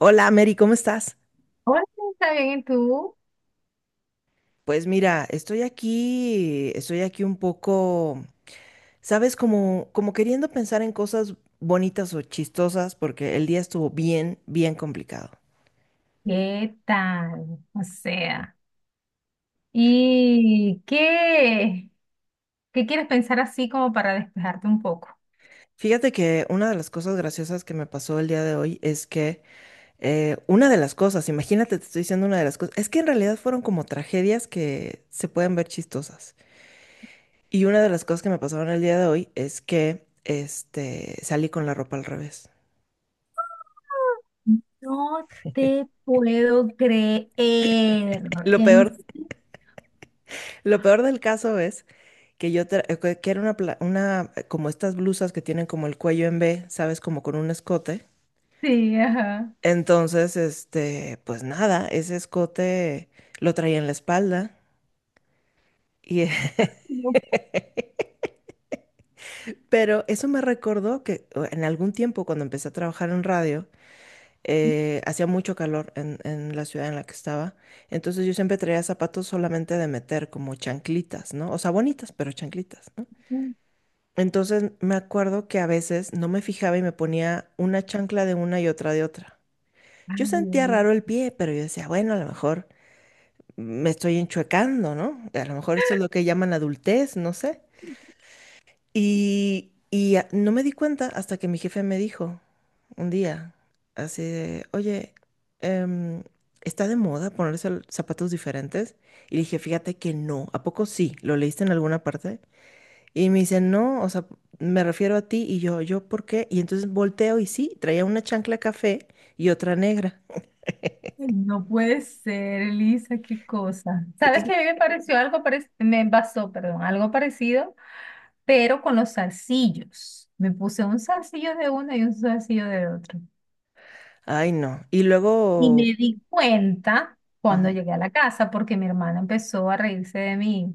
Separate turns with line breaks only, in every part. Hola, Mary, ¿cómo estás?
Hola, ¿está bien? ¿Y tú?
Pues mira, estoy aquí un poco, sabes, como, como queriendo pensar en cosas bonitas o chistosas, porque el día estuvo bien, bien complicado.
¿Qué tal? O sea, ¿y qué quieres pensar así como para despejarte un poco?
Fíjate que una de las cosas graciosas que me pasó el día de hoy es que una de las cosas, imagínate, te estoy diciendo una de las cosas, es que en realidad fueron como tragedias que se pueden ver chistosas. Y una de las cosas que me pasaron el día de hoy es que, este, salí con la ropa al revés.
No te puedo creer.
Lo
En
peor. Lo peor del caso es que que era una, una, como estas blusas que tienen como el cuello en V, ¿sabes? Como con un escote.
sí, ajá.
Entonces, este, pues nada, ese escote lo traía en la espalda. Y
No
pero eso me recordó que en algún tiempo, cuando empecé a trabajar en radio, hacía mucho calor en la ciudad en la que estaba. Entonces yo siempre traía zapatos solamente de meter, como chanclitas, ¿no? O sea, bonitas, pero chanclitas, ¿no?
puede
Entonces me acuerdo que a veces no me fijaba y me ponía una chancla de una y otra de otra. Yo sentía
ay,
raro el pie, pero yo decía, bueno, a lo mejor me estoy enchuecando, ¿no? A lo mejor esto es lo que llaman adultez, no sé. Y, no me di cuenta hasta que mi jefe me dijo un día, así de, oye, em, ¿está de moda ponerse zapatos diferentes? Y le dije, fíjate que no. ¿A poco sí? ¿Lo leíste en alguna parte? Y me dice, no, o sea, me refiero a ti. Y yo, ¿yo por qué? Y entonces volteo y sí, traía una chancla café y otra negra.
no puede ser, Elisa, qué cosa. ¿Sabes
Entonces,
que a mí me pareció algo parecido? Me pasó, perdón, algo parecido, pero con los zarcillos. Me puse un zarcillo de uno y un zarcillo de otro.
ay, no. Y
Y me
luego,
di cuenta cuando
mm,
llegué a la casa porque mi hermana empezó a reírse de mí.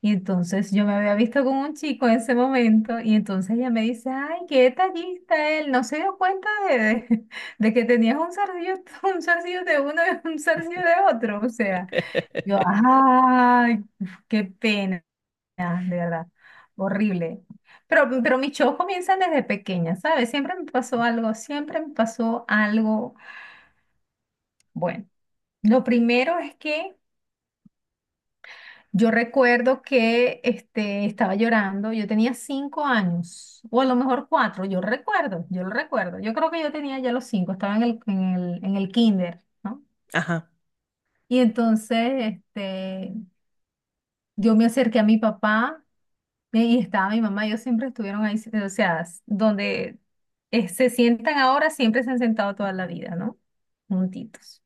Y entonces yo me había visto con un chico en ese momento y entonces ella me dice, ay, qué detallista él, no se dio cuenta de que tenías un zarcillo, un zarcillo de uno y un zarcillo de otro. O sea, yo, ay, qué pena, de verdad, horrible. Pero mis shows comienzan desde pequeña, ¿sabes? Siempre me pasó algo, siempre me pasó algo. Bueno. Lo primero es que yo recuerdo que estaba llorando, yo tenía 5 años, o a lo mejor 4, yo recuerdo, yo lo recuerdo, yo creo que yo tenía ya los 5, estaba en el kinder, ¿no?
ajá,
Y entonces yo me acerqué a mi papá, y estaba mi mamá, ellos siempre estuvieron ahí, o sea, donde se sientan ahora, siempre se han sentado toda la vida, ¿no? Juntitos.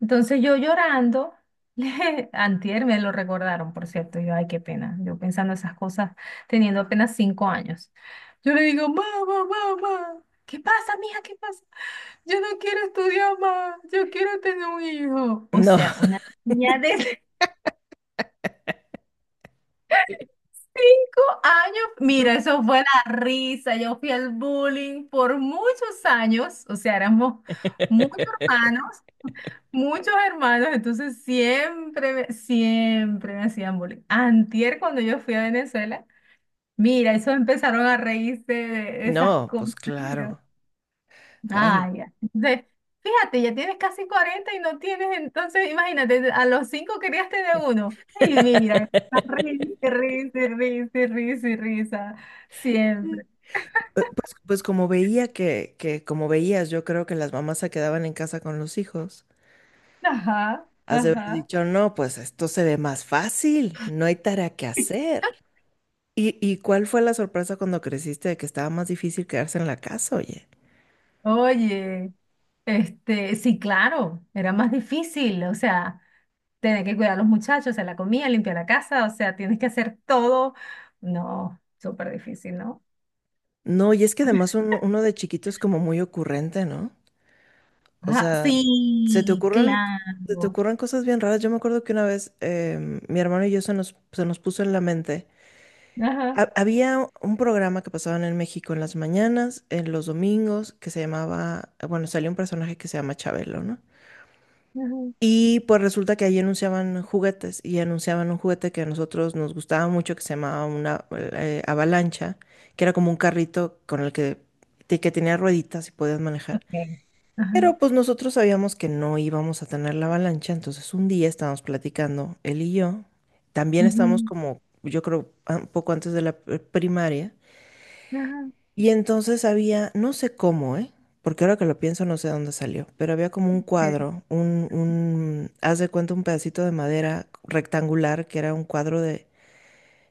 Entonces yo llorando, antier me lo recordaron, por cierto, yo, ay, qué pena, yo pensando esas cosas, teniendo apenas 5 años. Yo le digo, mamá, mamá, ¿qué pasa, mija? ¿Qué pasa? Yo no quiero estudiar más, yo quiero tener un hijo. O
no.
sea, una niña de años,
No.
mira, eso fue la risa. Yo fui al bullying por muchos años, o sea, éramos muchos hermanos, muchos hermanos, entonces siempre, siempre me hacían bullying. Antier, cuando yo fui a Venezuela, mira, eso empezaron a reírse de esas
No, pues
cosas.
claro. Ay, no.
Ah, ya. Entonces, fíjate, ya tienes casi 40 y no tienes, entonces, imagínate, a los 5 querías tener uno. Y mira, risa, risa, risa, risa, risa, siempre.
Pues, pues como veía que, como veías, yo creo que las mamás se quedaban en casa con los hijos.
Ajá,
Has de haber
ajá.
dicho, no, pues esto se ve más fácil, no hay tarea que hacer. Y cuál fue la sorpresa cuando creciste de que estaba más difícil quedarse en la casa, oye?
Oye, sí, claro, era más difícil, o sea, tener que cuidar a los muchachos, hacer la comida, limpiar la casa, o sea, tienes que hacer todo. No, súper difícil, ¿no?
No, y es que además uno, uno de chiquito es como muy ocurrente, ¿no? O
Ajá,
sea, se te
sí,
ocurren, se te
claro.
ocurren cosas bien raras. Yo me acuerdo que una vez mi hermano y yo se nos puso en la mente.
Ajá,
Ha- había un programa que pasaban en México en las mañanas, en los domingos, que se llamaba, bueno, salió un personaje que se llama Chabelo, ¿no?
ajá.
Y pues resulta que ahí anunciaban juguetes y anunciaban un juguete que a nosotros nos gustaba mucho que se llamaba una avalancha, que era como un carrito con el que, que tenía rueditas y podías manejar.
Okay. Ajá,
Pero pues nosotros sabíamos que no íbamos a tener la avalancha, entonces un día estábamos platicando, él y yo, también estábamos
ujú,
como, yo creo, ah, un poco antes de la primaria,
ajá.
y entonces había, no sé cómo, ¿eh? Porque ahora que lo pienso no sé dónde salió, pero había como un
Okay.
cuadro, haz de cuenta un pedacito de madera rectangular que era un cuadro de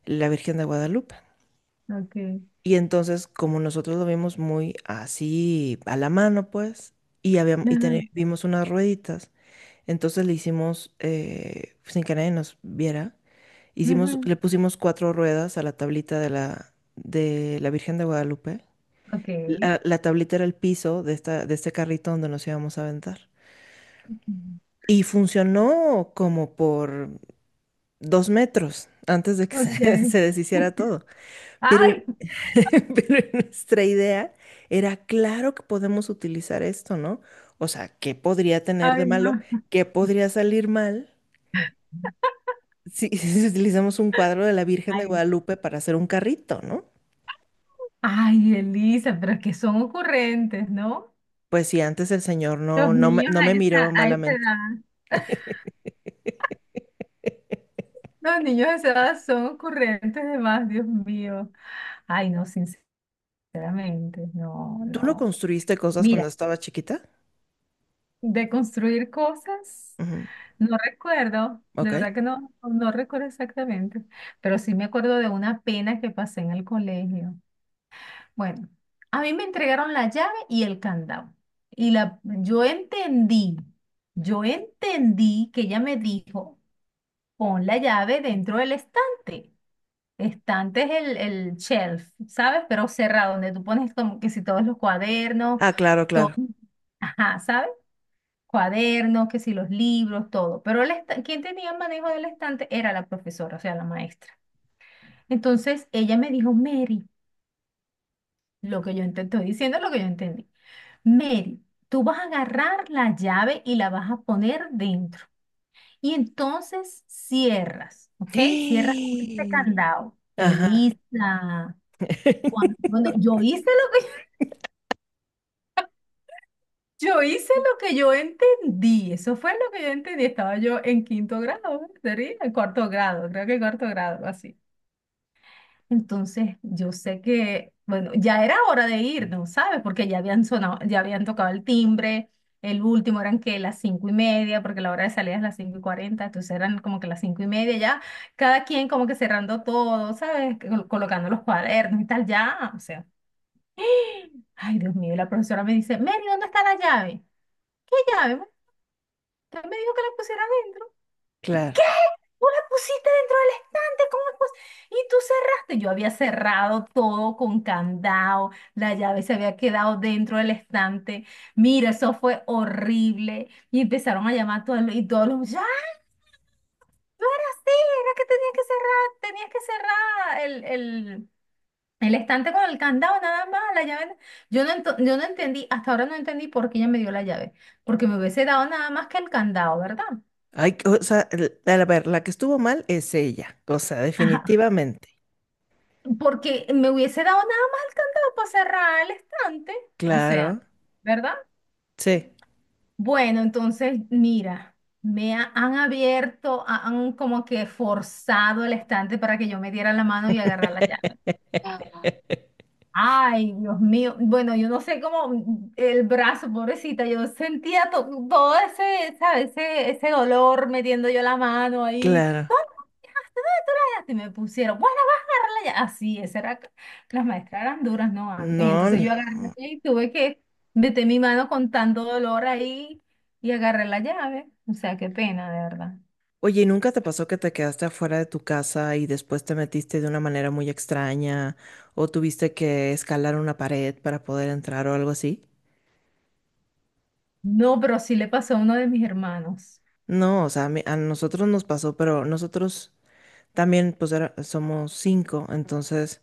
la Virgen de Guadalupe.
Okay.
Y entonces, como nosotros lo vimos muy así a la mano, pues, y habíamos, y
Ajá,
vimos unas rueditas, entonces le hicimos, sin que nadie nos viera, hicimos,
ujú,
le pusimos 4 ruedas a la tablita de la Virgen de Guadalupe.
okay.
La tablita era el piso de esta, de este carrito donde nos íbamos a aventar. Y funcionó como por 2 metros antes de que se se
Okay.
deshiciera todo. Pero
Ay,
pero nuestra idea era, claro que podemos utilizar esto, ¿no? O sea, ¿qué podría tener de
ay,
malo?
no.
¿Qué podría salir mal si si utilizamos un cuadro de la Virgen de
Ay,
Guadalupe para hacer un carrito, ¿no?
ay, Elisa, pero que son ocurrentes, ¿no?
Pues si antes el señor
Los
no, no,
niños
no me
a
miró
esa, a esa
malamente.
edad. Los niños a esa edad son ocurrentes de más, Dios mío. Ay, no, sinceramente, no,
¿Tú no
no.
construiste cosas
Mira,
cuando estaba chiquita?
de construir cosas.
Ujú.
No recuerdo, de
Ok.
verdad que no, no recuerdo exactamente, pero sí me acuerdo de una pena que pasé en el colegio. Bueno, a mí me entregaron la llave y el candado. Y yo entendí que ella me dijo, pon la llave dentro del estante. Estante es el shelf, ¿sabes? Pero cerrado, donde tú pones como que si todos los cuadernos,
Ah, claro,
todo,
claro.
ajá, ¿sabes? Cuadernos, que si los libros, todo. Pero el quien tenía manejo del estante era la profesora, o sea, la maestra. Entonces ella me dijo, Mary, lo que yo estoy diciendo es lo que yo entendí. Mary, tú vas a agarrar la llave y la vas a poner dentro. Y entonces cierras, ¿ok? Cierras con este candado.
Ajá,
Elisa, bueno, Yo hice lo que yo entendí, eso fue lo que yo entendí. Estaba yo en quinto grado, ¿eh? Sería en cuarto grado, creo que cuarto grado, así. Entonces, yo sé que, bueno, ya era hora de irnos, ¿sabes? Porque ya habían sonado, ya habían tocado el timbre, el último eran que las 5:30, porque la hora de salida es las 5:40, entonces eran como que las 5:30 ya, cada quien como que cerrando todo, ¿sabes? Colocando los cuadernos y tal, ya, o sea, ay, Dios mío, y la profesora me dice, Mary, ¿dónde está la llave? ¿Qué llave? Él me dijo que la pusiera adentro.
claro.
Tú la pusiste dentro del estante, ¿cómo es? Y tú cerraste. Yo había cerrado todo con candado, la llave se había quedado dentro del estante. Mira, eso fue horrible. Y empezaron a llamar a todos los, y todos los, ya, tú eras así, era que tenías que cerrar el, el estante con el candado, nada más, la llave. Yo no entendí, hasta ahora no entendí por qué ella me dio la llave, porque me hubiese dado nada más que el candado, ¿verdad?
Ay, o sea, a ver, la que estuvo mal es ella, o sea,
Ajá.
definitivamente.
Porque me hubiese dado nada más el candado para cerrar el estante. O sea,
Claro,
¿verdad?
sí,
Bueno, entonces, mira, me han abierto, han como que forzado el estante para que yo me diera la mano y agarrar la llave. Ay, Dios mío. Bueno, yo no sé cómo el brazo, pobrecita, yo sentía todo ese, ¿sabes? Ese dolor metiendo yo la mano ahí.
claro.
¡Ah! Y me pusieron, bueno, vas a agarrarla ya. Así, esa era, las maestras eran duras, ¿no? Antes.
No,
Entonces
no.
yo agarré y tuve que meter mi mano con tanto dolor ahí y agarré la llave. O sea, qué pena, de verdad.
Oye, ¿y nunca te pasó que te quedaste afuera de tu casa y después te metiste de una manera muy extraña o tuviste que escalar una pared para poder entrar o algo así?
No, pero sí le pasó a uno de mis hermanos.
No, o sea, a nosotros nos pasó, pero nosotros también, pues, somos 5, entonces...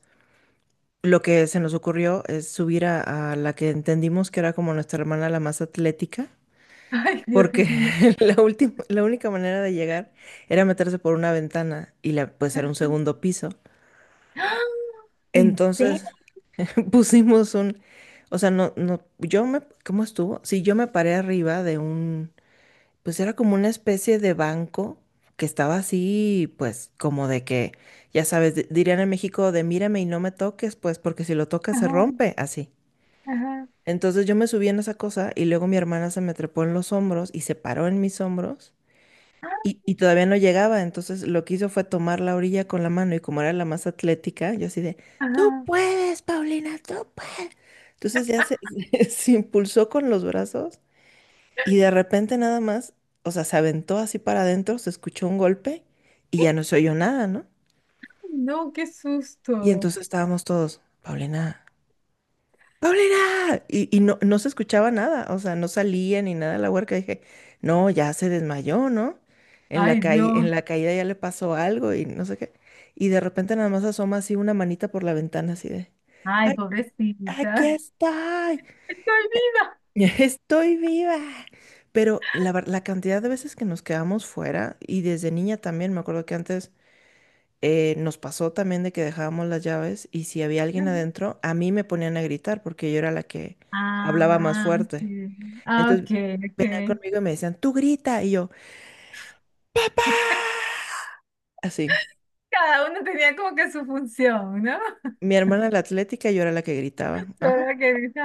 Lo que se nos ocurrió es subir a la que entendimos que era como nuestra hermana la más atlética,
Ay, Dios
porque
mío.
la última, la única manera de llegar era meterse por una ventana y la, pues era un segundo piso.
¡Ah! ¿En serio?
Entonces pusimos un, o sea, no, no, yo me, ¿cómo estuvo? Sí, yo me paré arriba de un, pues era como una especie de banco que estaba así, pues como de que, ya sabes, dirían en México de mírame y no me toques, pues porque si lo tocas se
Ajá,
rompe, así.
ajá,
Entonces yo me subí en esa cosa y luego mi hermana se me trepó en los hombros y se paró en mis hombros
ah,
y todavía no llegaba. Entonces lo que hizo fue tomar la orilla con la mano y como era la más atlética, yo así de, tú
ajá.
puedes, Paulina, tú puedes. Entonces ya se se impulsó con los brazos y de repente nada más, o sea, se aventó así para adentro, se escuchó un golpe y
¡Eh!
ya no se oyó nada, ¿no?
No, qué
Y
susto.
entonces estábamos todos, Paulina. ¡Paulina! Y no, no se escuchaba nada, o sea, no salía ni nada la huerca. Dije, no, ya se desmayó, ¿no? En la
Ay, Dios.
en la caída ya le pasó algo y no sé qué. Y de repente nada más asoma así una manita por la ventana, así de,
Ay,
"Ay,
pobrecita.
aquí estoy,
Estoy
estoy viva." Pero la, la cantidad de veces que nos quedamos fuera, y desde niña también, me acuerdo que antes nos pasó también de que dejábamos las llaves y si había alguien
viva.
adentro, a mí me ponían a gritar porque yo era la que hablaba más
Ah,
fuerte.
sí. Ah,
Entonces
ok,
venían
ok.
conmigo y me decían, tú grita. Y yo, así.
Cada uno tenía como que su función, ¿no?
Mi hermana la atlética, yo era la que gritaba. Ajá.
Pero que dices,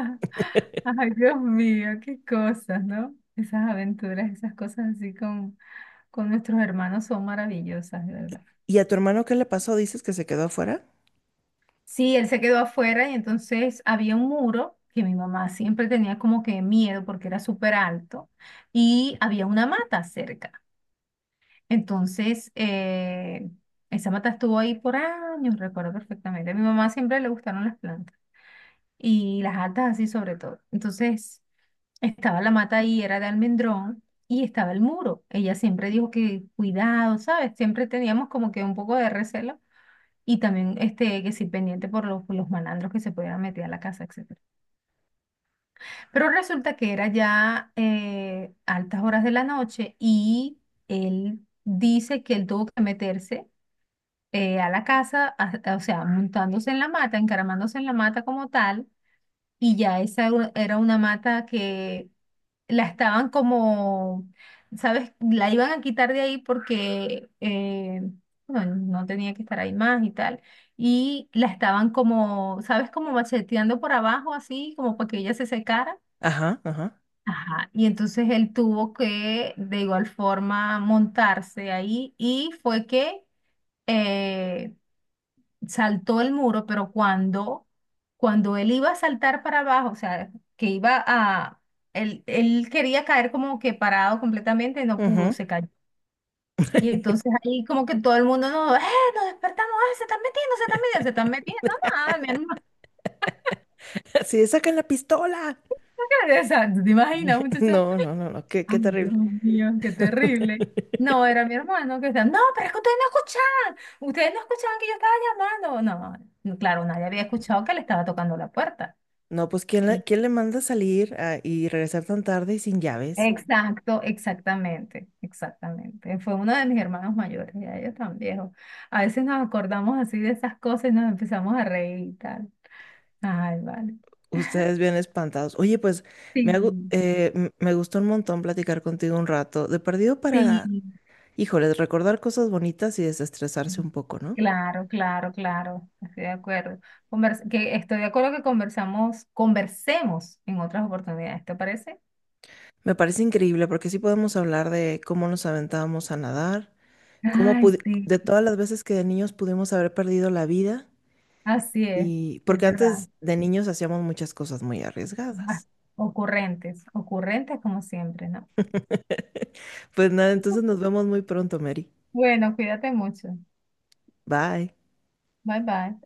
ay, Dios mío, qué cosas, ¿no? Esas aventuras, esas cosas así con nuestros hermanos son maravillosas, de verdad.
¿Y a tu hermano qué le pasó? ¿Dices que se quedó afuera?
Sí, él se quedó afuera y entonces había un muro que mi mamá siempre tenía como que miedo porque era súper alto y había una mata cerca. Entonces, esa mata estuvo ahí por años, recuerdo perfectamente. A mi mamá siempre le gustaron las plantas y las altas así sobre todo. Entonces, estaba la mata ahí, era de almendrón y estaba el muro. Ella siempre dijo que cuidado, ¿sabes? Siempre teníamos como que un poco de recelo y también que sí pendiente por los malandros que se pudieran meter a la casa, etcétera. Pero resulta que era ya altas horas de la noche y él dice que él tuvo que meterse a la casa, o sea, montándose en la mata, encaramándose en la mata como tal, y ya esa era una mata que la estaban como, ¿sabes? La iban a quitar de ahí porque bueno, no tenía que estar ahí más y tal. Y la estaban como, ¿sabes? Como macheteando por abajo, así, como para que ella se secara.
Ajá, ajá.
Ajá, y entonces él tuvo que de igual forma montarse ahí y fue que eh, saltó el muro, pero cuando él iba a saltar para abajo, o sea, que iba a, él quería caer como que parado completamente, no pudo,
Ujú.
se cayó. Y entonces ahí como que todo el mundo, no, nos despertamos, se están metiendo, se están metiendo, se están metiendo. No, nada, mi hermano.
Así de, sacan la pistola.
O sea, ¿tú te imaginas, muchacha?
No, no, no, no, qué,
Ay,
qué
Dios
terrible.
mío, qué terrible. No, era mi hermano que estaba, no, pero es que ustedes no escuchaban que yo estaba llamando. No, no, claro, nadie había escuchado que le estaba tocando la puerta.
No, pues ¿quién, quién le manda a salir ah, y regresar tan tarde y sin llaves?
Exacto, exactamente, exactamente. Fue uno de mis hermanos mayores, ya ellos tan viejos. A veces nos acordamos así de esas cosas y nos empezamos a reír y tal. Ay, vale.
Ustedes bien espantados. Oye, pues me,
Sí,
me gustó un montón platicar contigo un rato. De perdido
sí.
para, híjoles, recordar cosas bonitas y desestresarse un poco, ¿no?
Claro, claro, claro, estoy de acuerdo. Que estoy de acuerdo que conversamos, conversemos en otras oportunidades, ¿te parece?
Me parece increíble porque sí podemos hablar de cómo nos aventábamos a nadar, cómo
Ay,
pudi-
sí,
de todas las veces que de niños pudimos haber perdido la vida
así
y
es
porque
verdad.
antes de niños hacíamos muchas cosas muy
Ah,
arriesgadas.
ocurrentes, ocurrentes como siempre, ¿no?
Pues nada, entonces nos vemos muy pronto, Mary.
Bueno, cuídate mucho.
Bye.
Bye bye.